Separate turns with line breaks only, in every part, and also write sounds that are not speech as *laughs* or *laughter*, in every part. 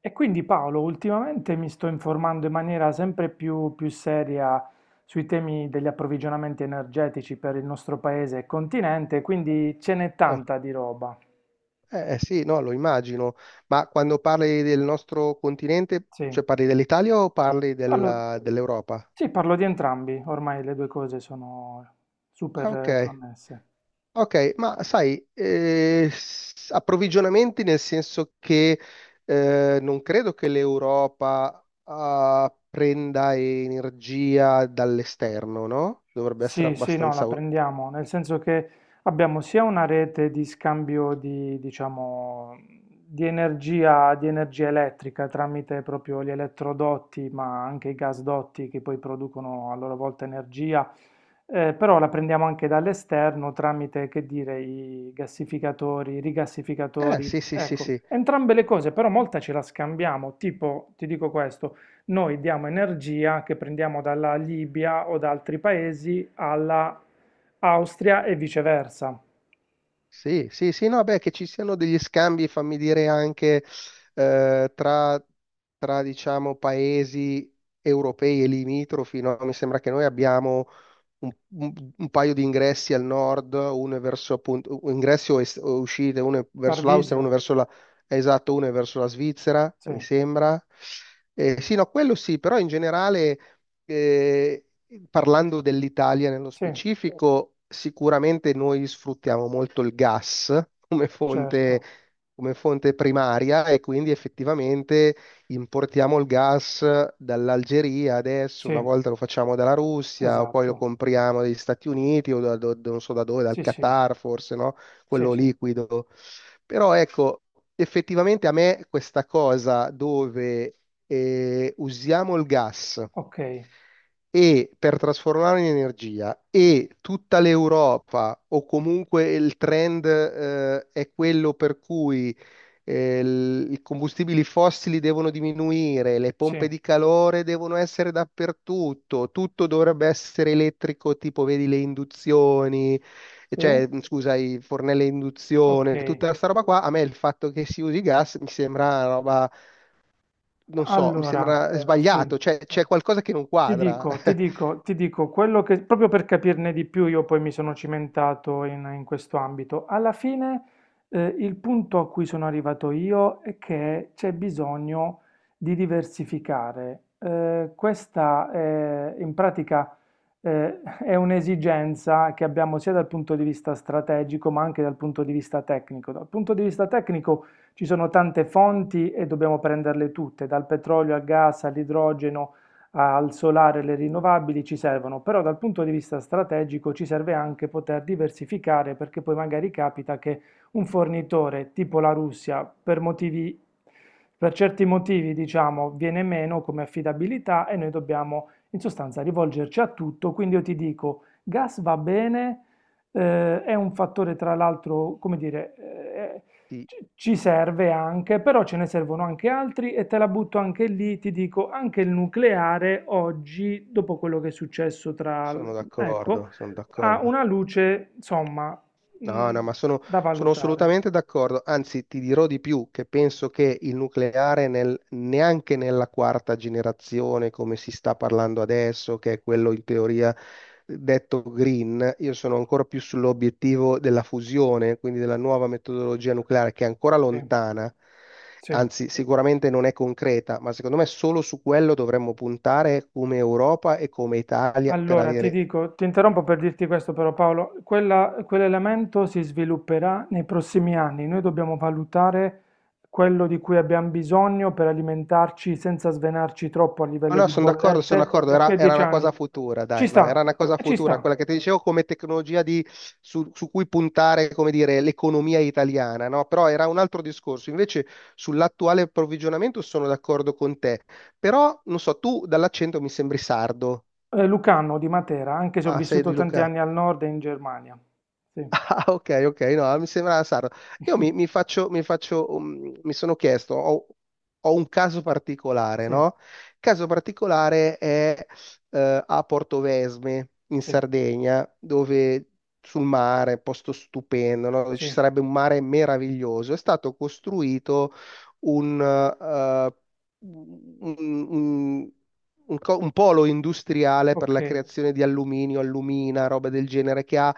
E quindi Paolo, ultimamente mi sto informando in maniera sempre più seria sui temi degli approvvigionamenti energetici per il nostro paese e continente, quindi ce n'è
Ah,
tanta di roba.
sì, no, lo immagino, ma quando parli del nostro continente,
Sì,
cioè parli dell'Italia o parli
parlo,
dell'Europa?
sì, parlo di entrambi, ormai le due cose sono
Ah,
super
ok,
connesse.
ok, ma sai, approvvigionamenti nel senso che non credo che l'Europa prenda energia dall'esterno, no? Dovrebbe essere
Sì, sì, no, la
abbastanza.
prendiamo, nel senso che abbiamo sia una rete di scambio di, diciamo, di energia elettrica tramite proprio gli elettrodotti, ma anche i gasdotti che poi producono a loro volta energia, però la prendiamo anche dall'esterno tramite, che dire, i gassificatori, i rigassificatori,
Sì, sì, sì,
ecco,
sì.
entrambe le cose, però molta ce la scambiamo, tipo, ti dico questo noi diamo energia che prendiamo dalla Libia o da altri paesi alla Austria e viceversa.
Sì, sì, sì, no, beh, che ci siano degli scambi, fammi dire, anche eh, tra, tra, diciamo, paesi europei e limitrofi, no? Mi sembra che noi abbiamo un, un paio di ingressi al nord. Uno è verso, appunto, ingressi o, o uscite, uno è verso l'Austria,
Tarvisio?
uno è verso la, esatto, uno è verso la Svizzera,
Sì,
mi sembra. Sì, no, quello sì, però in generale, eh, parlando dell'Italia nello
sì,
specifico, sicuramente noi sfruttiamo molto il gas
certo,
come fonte primaria, e quindi effettivamente importiamo il gas dall'Algeria adesso, una
sì,
volta lo facciamo dalla Russia, poi lo
esatto,
compriamo dagli Stati Uniti o da, non so da dove, dal
sì, sì,
Qatar forse, no?
sì,
Quello
sì,
liquido. Però ecco, effettivamente a me questa cosa dove usiamo il gas
ok,
e per trasformarlo in energia, e tutta l'Europa o comunque il trend è quello per cui i combustibili fossili devono diminuire, le pompe
sì,
di calore devono essere dappertutto, tutto dovrebbe essere elettrico, tipo vedi le induzioni,
sì,
cioè scusa, i fornelli a
ok.
induzione, tutta questa roba qua, a me il fatto che si usi gas mi sembra una roba, non so, mi
Allora,
sembra
sì,
sbagliato, cioè c'è qualcosa che non
Ti
quadra.
dico, ti
*laughs*
dico, ti dico, quello che, proprio per capirne di più, io poi mi sono cimentato in questo ambito. Alla fine, il punto a cui sono arrivato io è che c'è bisogno di diversificare. Questa è, in pratica, è un'esigenza che abbiamo sia dal punto di vista strategico, ma anche dal punto di vista tecnico. Dal punto di vista tecnico ci sono tante fonti e dobbiamo prenderle tutte, dal petrolio al gas all'idrogeno al solare e le rinnovabili ci servono, però dal punto di vista strategico ci serve anche poter diversificare perché poi magari capita che un fornitore tipo la Russia per motivi, per certi motivi diciamo viene meno come affidabilità e noi dobbiamo in sostanza rivolgerci a tutto, quindi io ti dico gas va bene, è un fattore tra l'altro, come dire, eh,
Sì,
ci serve anche, però ce ne servono anche altri e te la butto anche lì, ti dico, anche il nucleare oggi, dopo quello che è successo tra...
sono
ecco,
d'accordo, sono
ha
d'accordo.
una luce, insomma,
No, no,
mh,
ma sono,
da
sono
valutare.
assolutamente d'accordo. Anzi, ti dirò di più, che penso che il nucleare neanche nella quarta generazione, come si sta parlando adesso, che è quello in teoria detto green, io sono ancora più sull'obiettivo della fusione, quindi della nuova metodologia nucleare, che è ancora
Sì,
lontana,
sì.
anzi, sicuramente non è concreta, ma secondo me solo su quello dovremmo puntare come Europa e come Italia per
Allora, ti
avere.
dico, ti interrompo per dirti questo però Paolo, quell'elemento si svilupperà nei prossimi anni, noi dobbiamo valutare quello di cui abbiamo bisogno per alimentarci senza svenarci troppo a
No,
livello
no,
di
sono
bollette
d'accordo,
da qui
era,
a
era
dieci
una cosa
anni.
futura,
Ci
dai, no, era
sta,
una cosa
ci
futura,
sta.
quella che ti dicevo come tecnologia su cui puntare, come dire, l'economia italiana, no? Però era un altro discorso. Invece sull'attuale approvvigionamento sono d'accordo con te, però, non so, tu dall'accento mi sembri sardo.
Lucano di Matera, anche se ho
Ah, sei
vissuto
di
tanti
Lucca.
anni al nord e in Germania. Sì,
Ah, ok, ok, no, ah, mi sembrava strano. Io
*laughs*
mi sono chiesto, ho un caso particolare,
sì,
no? Il caso particolare è a Portovesme, in
sì,
Sardegna, dove sul mare, posto stupendo, no? Dove ci
sì.
sarebbe un mare meraviglioso. È stato costruito un, eh, un un- un polo industriale per
Ok.
la creazione di alluminio, allumina, roba del genere, che ha,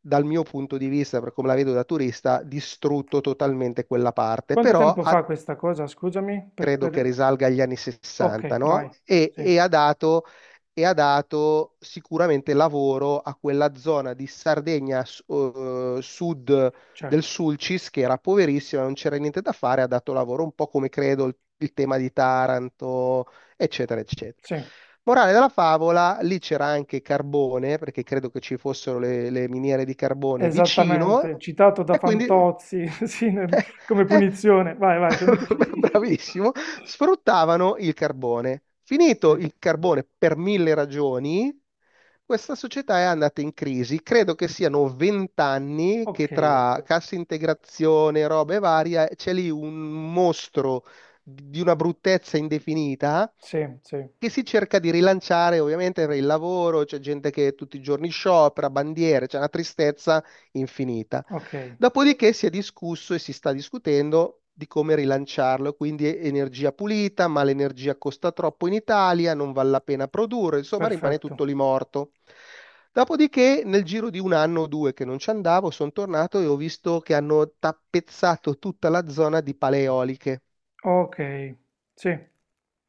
dal mio punto di vista, per come la vedo da turista, distrutto totalmente quella parte,
Quanto
però
tempo fa questa cosa, scusami?
credo che risalga agli anni 60,
Ok, vai.
no? E,
Sì,
e ha dato e ha dato sicuramente lavoro a quella zona di Sardegna sud del
certo.
Sulcis, che era poverissima, non c'era niente da fare, ha dato lavoro un po' come credo il tema di Taranto, eccetera, eccetera.
Sì,
Morale della favola, lì c'era anche carbone, perché credo che ci fossero le miniere di carbone vicino,
esattamente, citato da
e quindi,
Fantozzi, *laughs* come
eh,
punizione. Vai, vai, continua.
*laughs*
*laughs*
bravissimo, sfruttavano il carbone. Finito
Sì.
il carbone per mille ragioni, questa società è andata in crisi. Credo che siano 20 anni che,
Ok,
tra cassa integrazione, robe varie, c'è lì un mostro di una bruttezza indefinita,
sì, sì,
che si cerca di rilanciare ovviamente per il lavoro, c'è gente che tutti i giorni sciopera, bandiere, c'è una tristezza infinita.
ok,
Dopodiché si è discusso e si sta discutendo di come rilanciarlo, quindi energia pulita, ma l'energia costa troppo in Italia, non vale la pena produrre, insomma rimane
perfetto.
tutto lì morto. Dopodiché, nel giro di un anno o due che non ci andavo, sono tornato e ho visto che hanno tappezzato tutta la zona di paleoliche,
Ok, sì.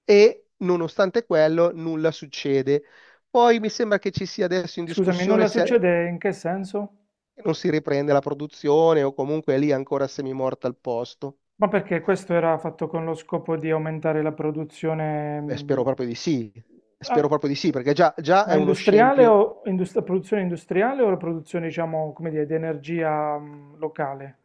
e nonostante quello nulla succede. Poi mi sembra che ci sia adesso in
Scusami,
discussione
nulla
se
succede in che senso?
non si riprende la produzione o comunque è lì ancora semimorta al posto.
Ma perché questo era fatto con lo scopo di aumentare la produzione,
Eh beh, spero proprio di sì,
ah,
spero proprio di sì, perché già, già è
ma
uno scempio.
la produzione industriale o la produzione, diciamo, come dire, di energia, locale?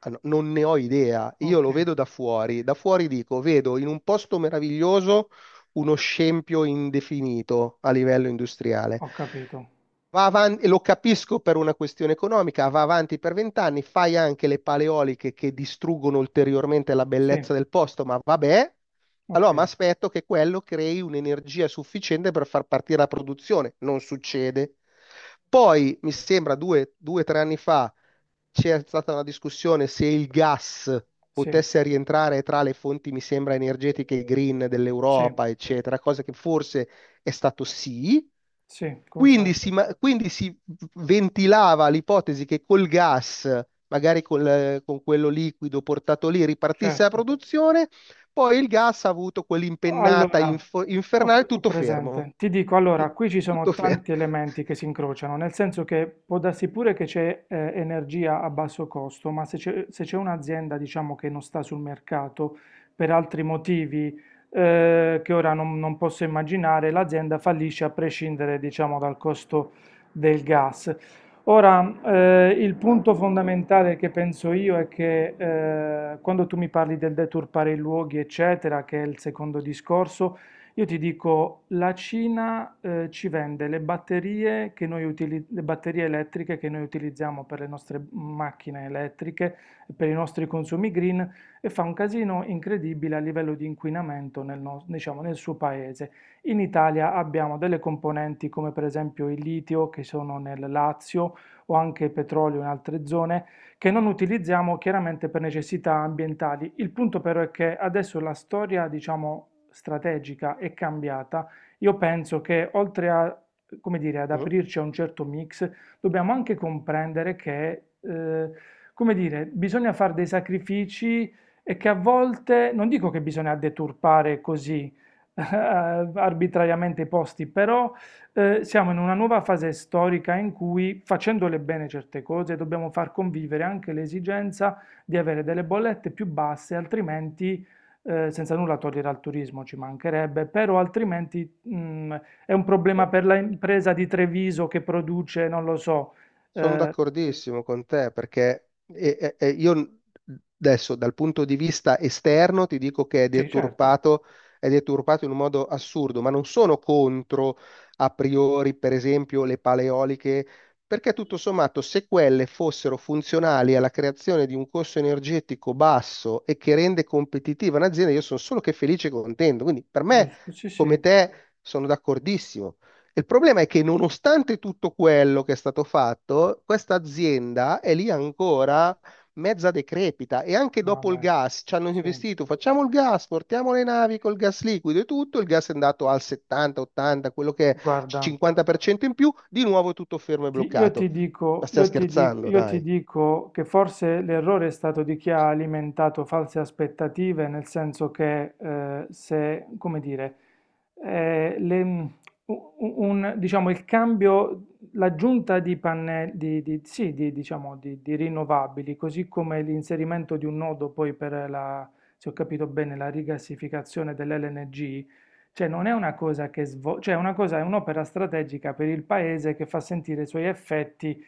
Ah, no, non ne ho idea, io
Ok.
lo vedo da fuori dico, vedo in un posto meraviglioso uno scempio indefinito a livello industriale.
Ho capito.
Va avanti, lo capisco per una questione economica, va avanti per 20 anni, fai anche le paleoliche che distruggono ulteriormente la
Sì,
bellezza del posto, ma vabbè,
ok,
allora mi aspetto che quello crei un'energia sufficiente per far partire la produzione, non succede. Poi, mi sembra 2 o 3 anni fa, c'è stata una discussione se il gas
sì,
potesse rientrare tra le fonti, mi sembra, energetiche green
sì,
dell'Europa, eccetera, cosa che forse è stato sì,
sì,
quindi
confermo,
si, quindi si ventilava l'ipotesi che col gas, magari col, con quello liquido portato lì, ripartisse la
certo.
produzione, poi il gas ha avuto quell'impennata
Allora,
infernale,
ho
tutto
presente.
fermo.
Ti dico, allora,
*laughs*
qui ci
Tutto
sono
fermo.
tanti elementi che si incrociano, nel senso che può darsi pure che c'è energia a basso costo, ma se c'è un'azienda, diciamo, che non sta sul mercato per altri motivi che ora non posso immaginare, l'azienda fallisce a prescindere, diciamo, dal costo del gas. Ora, il punto fondamentale che penso io è che quando tu mi parli del deturpare i luoghi, eccetera, che è il secondo discorso, io ti dico, la Cina ci vende le batterie, che le batterie elettriche che noi utilizziamo per le nostre macchine elettriche, per i nostri consumi green, e fa un casino incredibile a livello di inquinamento diciamo, nel suo paese. In Italia abbiamo delle componenti come per esempio il litio che sono nel Lazio o anche petrolio in altre zone, che non utilizziamo chiaramente per necessità ambientali. Il punto però è che adesso la storia, diciamo, strategica è cambiata. Io penso che oltre a, come dire, ad aprirci a un certo mix, dobbiamo anche comprendere che, come dire, bisogna fare dei sacrifici e che a volte, non dico che bisogna deturpare così *laughs* eh, arbitrariamente i posti, però siamo in una nuova fase storica in cui, facendole bene certe cose, dobbiamo far convivere anche l'esigenza di avere delle bollette più basse, altrimenti, senza nulla togliere al turismo, ci mancherebbe, però altrimenti, è un
Mm?
problema per l'impresa di Treviso che produce, non lo so.
Sono
Eh,
d'accordissimo con te, perché io adesso dal punto di vista esterno ti dico che
sì, certo,
è deturpato in un modo assurdo, ma non sono contro a priori, per esempio, le paleoliche, perché tutto sommato se quelle fossero funzionali alla creazione di un costo energetico basso e che rende competitiva un'azienda, io sono solo che felice e contento. Quindi per me,
giusto, sì,
come
sì,
te, sono d'accordissimo. Il problema è che nonostante tutto quello che è stato fatto, questa azienda è lì ancora mezza decrepita, e anche dopo il
vabbè,
gas ci hanno
sì,
investito, facciamo il gas, portiamo le navi col gas liquido e tutto, il gas è andato al 70, 80, quello che è
guarda.
50% in più, di nuovo tutto fermo e
Io ti
bloccato. Ma
dico,
stiamo
io ti dico,
scherzando,
io ti
dai.
dico che forse l'errore è stato di chi ha alimentato false aspettative, nel senso che se, come dire, eh, le- diciamo, il cambio, l'aggiunta di pannelli, sì, di, diciamo, di rinnovabili, così come l'inserimento di un nodo poi per la, se ho capito bene, la rigassificazione dell'LNG, cioè non è una cosa che svolge, cioè è una cosa, è un'opera strategica per il paese che fa sentire i suoi effetti,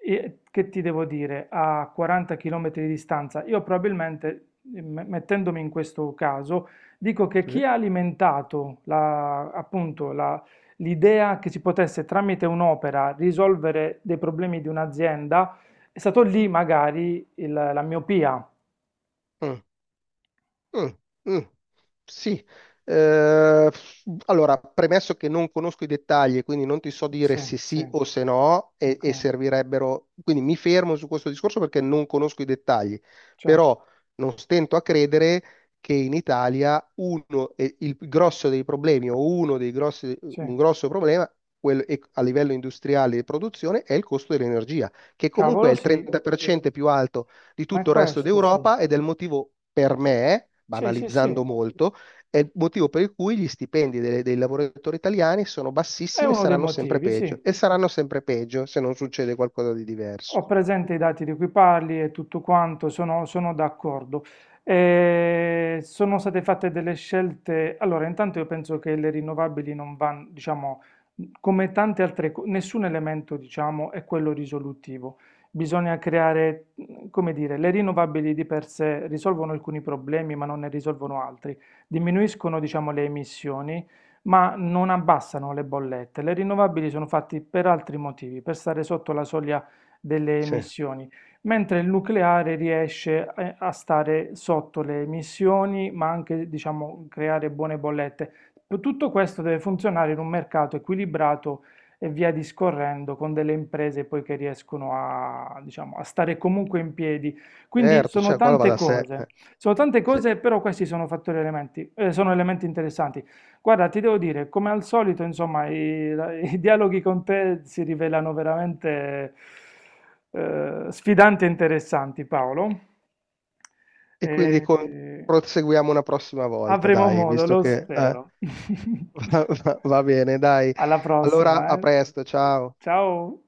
che ti devo dire, a 40 km di distanza. Io probabilmente, mettendomi in questo caso, dico che
Sì.
chi ha alimentato appunto l'idea che si potesse tramite un'opera risolvere dei problemi di un'azienda, è stato lì magari la miopia.
Mm. Mm, mm, sì. Eh, allora, premesso che non conosco i dettagli, quindi non ti so dire
Sì,
se
sì,
sì o se no,
ok,
e servirebbero, quindi mi fermo su questo discorso perché non conosco i dettagli,
cioè,
però non stento a credere che in Italia uno, e il grosso dei problemi o uno dei grossi,
sì,
un grosso problema a livello industriale di produzione è il costo dell'energia, che comunque è
cavolo
il
sì.
30% più alto di
Ma è
tutto il resto
questo, sì.
d'Europa, ed è il motivo, per me,
Sì, sì,
banalizzando
sì.
molto, è il motivo per cui gli stipendi dei lavoratori italiani sono
È
bassissimi e
uno dei
saranno sempre
motivi, sì.
peggio, e saranno sempre peggio se non succede qualcosa di diverso.
Ho presente i dati di cui parli e tutto quanto, sono d'accordo. Sono state fatte delle scelte. Allora, intanto io penso che le rinnovabili non vanno, diciamo, come tante altre cose, nessun elemento, diciamo, è quello risolutivo. Bisogna creare, come dire, le rinnovabili di per sé risolvono alcuni problemi, ma non ne risolvono altri. Diminuiscono, diciamo, le emissioni ma non abbassano le bollette. Le rinnovabili sono fatte per altri motivi, per stare sotto la soglia delle
Sì,
emissioni, mentre il nucleare riesce a stare sotto le emissioni, ma anche, diciamo, creare buone bollette. Tutto questo deve funzionare in un mercato equilibrato e via discorrendo con delle imprese poi che riescono a, diciamo, a stare comunque in piedi. Quindi
certo, cioè qua va da sé. Eh,
sono tante
sì.
cose, però questi sono fattori elementi, sono elementi interessanti. Guarda, ti devo dire, come al solito, insomma, i *laughs* dialoghi con te si rivelano veramente sfidanti e interessanti, Paolo.
E
E,
quindi
eh,
proseguiamo una prossima volta,
avremo
dai,
modo,
visto
lo
che *laughs*
spero. *laughs*
va bene, dai.
Alla
Allora,
prossima,
a
eh.
presto, ciao.
Ciao.